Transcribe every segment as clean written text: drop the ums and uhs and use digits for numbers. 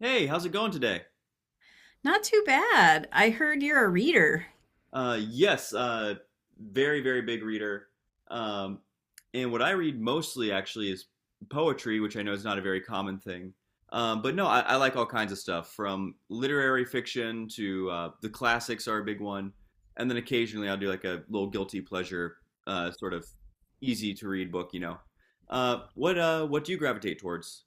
Hey, how's it going today? Not too bad. I heard you're a reader. Yes, very, very big reader. Um, and what I read mostly actually is poetry, which I know is not a very common thing. But no, I like all kinds of stuff from literary fiction to the classics are a big one. And then occasionally I'll do like a little guilty pleasure, sort of easy to read book. What do you gravitate towards?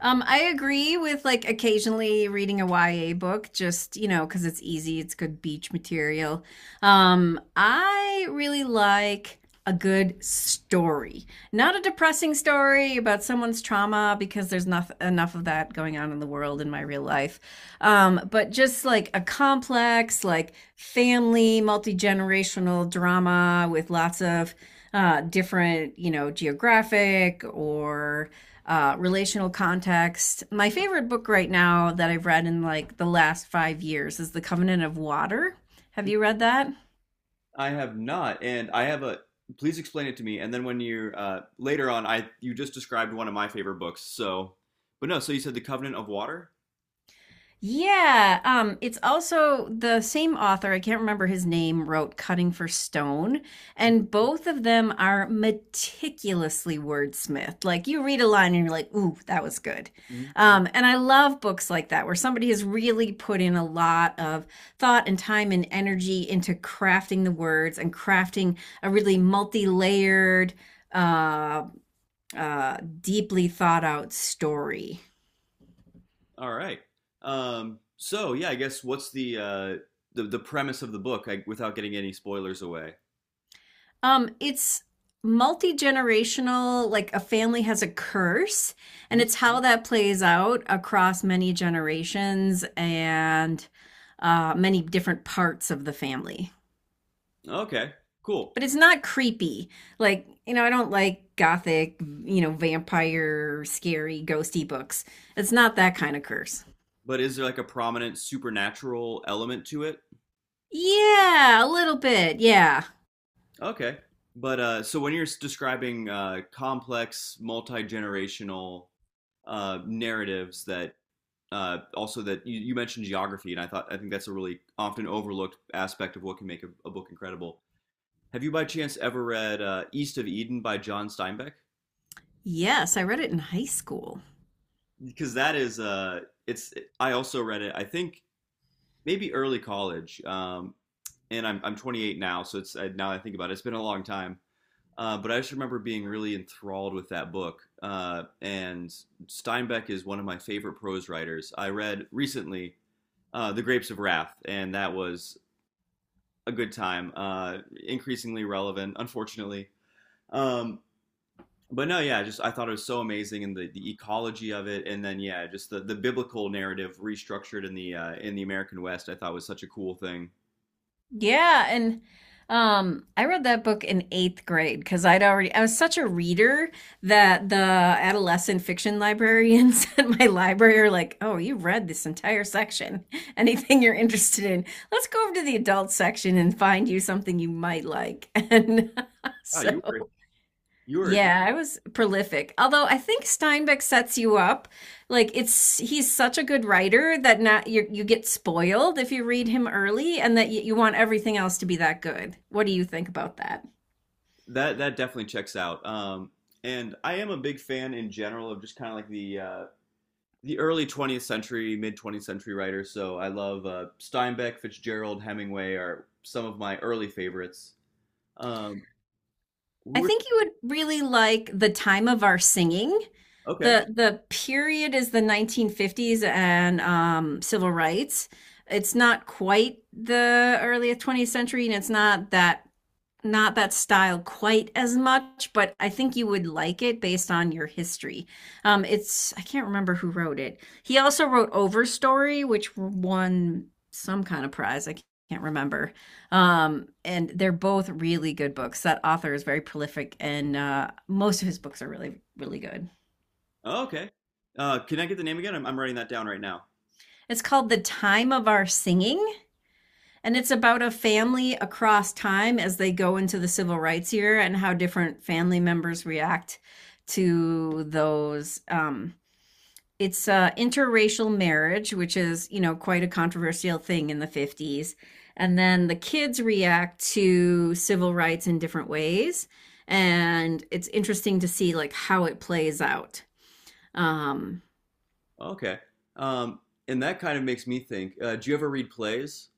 I agree with like occasionally reading a YA book, just you know, because it's easy, it's good beach material. I really like a good story, not a depressing story about someone's trauma, because there's not enough of that going on in the world in my real life. But just like a complex, like family, multi generational drama with lots of different, you know, geographic or relational context. My favorite book right now that I've read in like the last 5 years is The Covenant of Water. Have you read that? I have not, and I have a. Please explain it to me. And then when you later on, I you just described one of my favorite books. So, but no. So you said the Covenant of Water. Yeah, it's also the same author, I can't remember his name, wrote Cutting for Stone, and both of them are meticulously wordsmithed. Like you read a line and you're like, ooh, that was good. Mhm. And I love books like that where somebody has really put in a lot of thought and time and energy into crafting the words and crafting a really multi-layered, uh, deeply thought out story. All right. So yeah, I guess what's the premise of the book without getting any spoilers away? It's multi generational, like a family has a curse, and Mhm. it's how that plays out across many generations and many different parts of the family. Okay, cool. But it's not creepy. Like, you know, I don't like gothic, you know, vampire, scary, ghosty books. It's not that kind of curse. But is there like a prominent supernatural element to it? Yeah, a little bit. Yeah. Okay. But so when you're describing complex, multi-generational narratives that also that you mentioned geography, and I think that's a really often overlooked aspect of what can make a book incredible. Have you by chance ever read East of Eden by John Steinbeck? Yes, I read it in high school. Because that is it's I also read it. I think maybe early college, and I'm 28 now, so it's now I think about it, it's been a long time. But I just remember being really enthralled with that book. And Steinbeck is one of my favorite prose writers. I read recently The Grapes of Wrath, and that was a good time. Increasingly relevant, unfortunately. Um, but no, yeah, just I thought it was so amazing and the ecology of it, and then yeah, just the biblical narrative restructured in the American West, I thought was such a cool thing. Yeah, and I read that book in eighth grade because I was such a reader that the adolescent fiction librarians at my library are like, "Oh, you read this entire section. Anything you're interested in, let's go over to the adult section and find you something you might like." And Wow, so you were yeah, I was prolific. Although I think Steinbeck sets you up. Like it's He's such a good writer that not you get spoiled if you read him early and that you want everything else to be that good. What do you think about that? That definitely checks out. And I am a big fan in general of just kind of like the early 20th century, mid 20th century writers. So I love Steinbeck, Fitzgerald, Hemingway are some of my early favorites. Um, we I were think you would really like the time of our singing. Okay. The period is the 1950s and civil rights. It's not quite the early 20th century, and it's not that style quite as much, but I think you would like it based on your history. It's I can't remember who wrote it. He also wrote Overstory, which won some kind of prize. I can't remember. And they're both really good books. That author is very prolific, and most of his books are really really good. Oh, okay. Can I get the name again? I'm writing that down right now. It's called The Time of Our Singing. And it's about a family across time as they go into the civil rights year and how different family members react to those. It's Interracial marriage, which is, you know, quite a controversial thing in the 50s. And then the kids react to civil rights in different ways. And it's interesting to see like how it plays out. Um, Okay. Um, and that kind of makes me think. Do you ever read plays?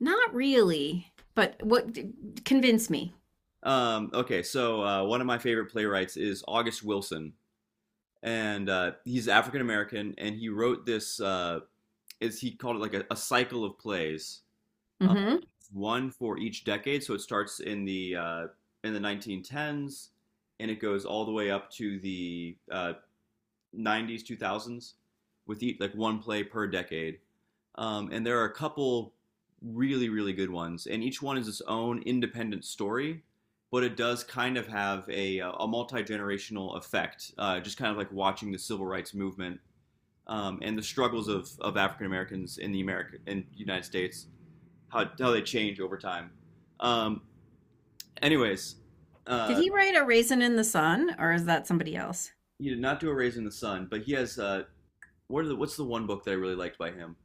Not really, but what convinced me. Okay, so one of my favorite playwrights is August Wilson, and he's African American, and he wrote this. Is he called it like a cycle of plays, uh, Hmm. one for each decade. So it starts in the 1910s, and it goes all the way up to the 90s, 2000s, with each, like one play per decade. And there are a couple really, really good ones, and each one is its own independent story, but it does kind of have a multi generational effect, just kind of like watching the civil rights movement and the struggles of African Americans in the America in the United States, how they change over time. Um, Anyways, Did uh, he write A Raisin in the Sun, or is that somebody else? he did not do a raise in the sun, but he has what's the one book that I really liked by him?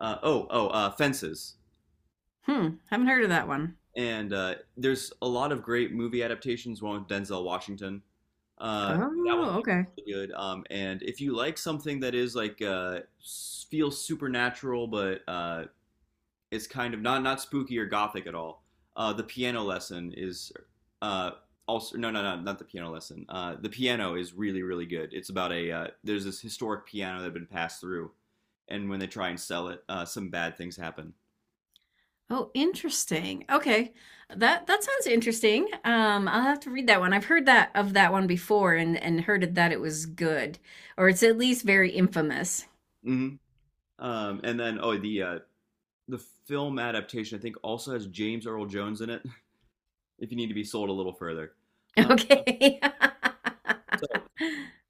Oh, Fences. Hmm, haven't heard of that one. And there's a lot of great movie adaptations. One with Denzel Washington. Uh, that one's Oh, okay. really good. And if you like something that is like feels supernatural but is kind of not spooky or gothic at all. The piano lesson is uh, also, no, no, no, not the piano lesson. The piano is really really good. It's about a There's this historic piano that had been passed through, and when they try and sell it, some bad things happen. Oh, interesting. Okay. That sounds interesting. I'll have to read that one. I've heard that of that one before and heard it that it was good, or it's at least very infamous. Hmm. And then the film adaptation I think also has James Earl Jones in it. If you need to be sold a little further, uh, Okay. so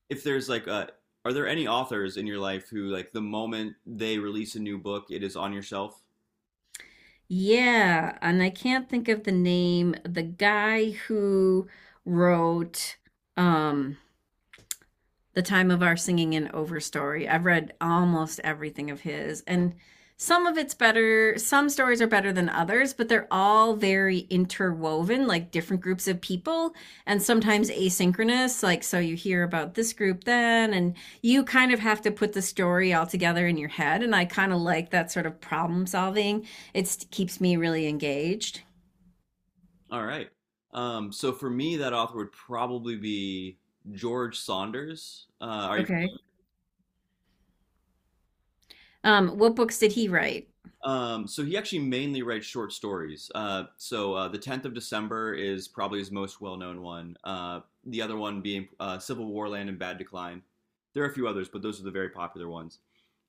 if there's like a are there any authors in your life who like the moment they release a new book it is on your shelf? Yeah, and I can't think of the name. The guy who wrote um The Time of Our Singing in Overstory. I've read almost everything of his, and some of it's better. Some stories are better than others, but they're all very interwoven, like different groups of people, and sometimes asynchronous. Like, so you hear about this group then, and you kind of have to put the story all together in your head. And I kind of like that sort of problem solving. It keeps me really engaged. All right. So for me, that author would probably be George Saunders. Are you? Okay. What books did he write? So he actually mainly writes short stories. The 10th of December is probably his most well-known one. The other one being Civil War Land and Bad Decline. There are a few others, but those are the very popular ones.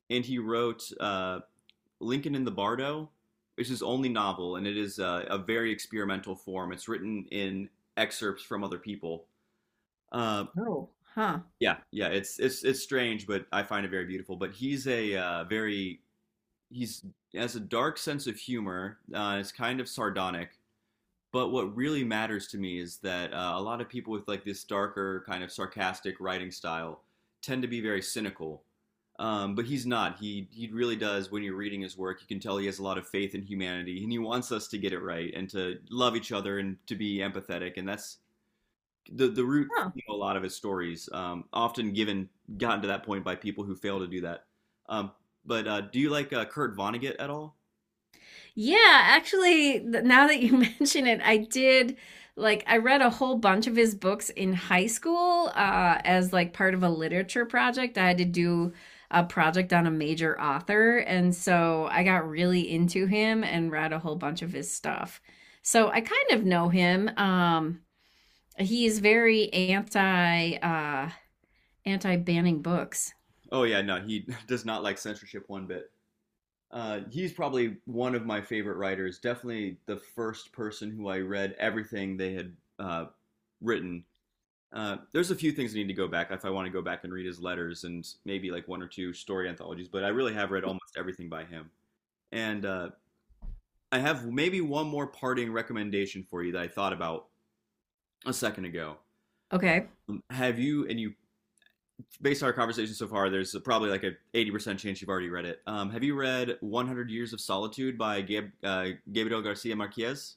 And he wrote Lincoln in the Bardo, which is his only novel, and it is a very experimental form. It's written in excerpts from other people. Uh, Oh. Huh. Yeah, yeah, it's strange, but I find it very beautiful. But he's has a dark sense of humor. It's kind of sardonic. But what really matters to me is that a lot of people with like this darker kind of sarcastic writing style tend to be very cynical. But he's not. He really does. When you're reading his work, you can tell he has a lot of faith in humanity, and he wants us to get it right and to love each other and to be empathetic. And that's the root Huh. theme of a lot of his stories, often given gotten to that point by people who fail to do that. Um, but Do you like Kurt Vonnegut at all? Yeah, actually, now that you mention it, I did like I read a whole bunch of his books in high school as like part of a literature project. I had to do a project on a major author, and so I got really into him and read a whole bunch of his stuff. So I kind of know him. He is very anti banning books. Oh yeah, no, he does not like censorship one bit. He's probably one of my favorite writers. Definitely the first person who I read everything they had uh, written. There's a few things I need to go back if I want to go back and read his letters and maybe like one or two-story anthologies, but I really have read almost everything by him. And I have maybe one more parting recommendation for you that I thought about a second ago. Okay. Have you, and you, Based on our conversation so far, there's probably like a 80% chance you've already read it. Have you read 100 Years of Solitude by Gabriel Garcia Marquez?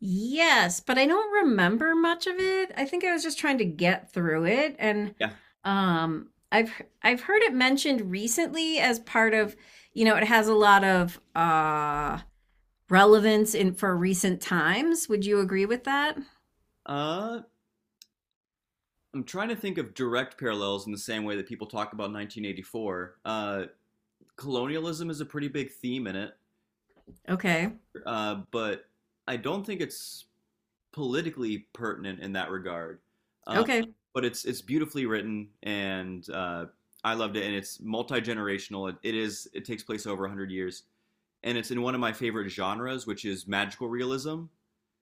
Yes, but I don't remember much of it. I think I was just trying to get through it and Yeah. um I've I've heard it mentioned recently as part of, you know, it has a lot of relevance in for recent times. Would you agree with that? Uh, I'm trying to think of direct parallels in the same way that people talk about 1984. Colonialism is a pretty big theme in it, Okay. But I don't think it's politically pertinent in that regard. Uh, Okay. but it's beautifully written, and I loved it. And it's multi generational. It takes place over 100 years, and it's in one of my favorite genres, which is magical realism.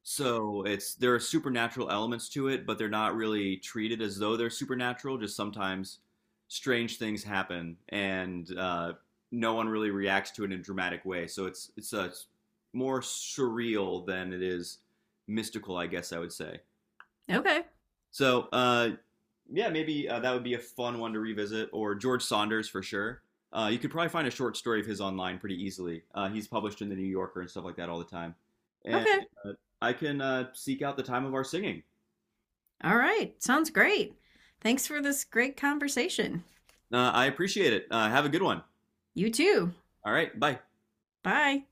So it's There are supernatural elements to it, but they're not really treated as though they're supernatural. Just sometimes strange things happen, and no one really reacts to it in a dramatic way. So more surreal than it is mystical, I guess I would say. Okay. So yeah, maybe that would be a fun one to revisit, or George Saunders for sure. You could probably find a short story of his online pretty easily. He's published in the New Yorker and stuff like that all the time. And Okay. uh, I can seek out the time of our singing. All right. Sounds great. Thanks for this great conversation. I appreciate it. Have a good one. You too. All right, bye. Bye.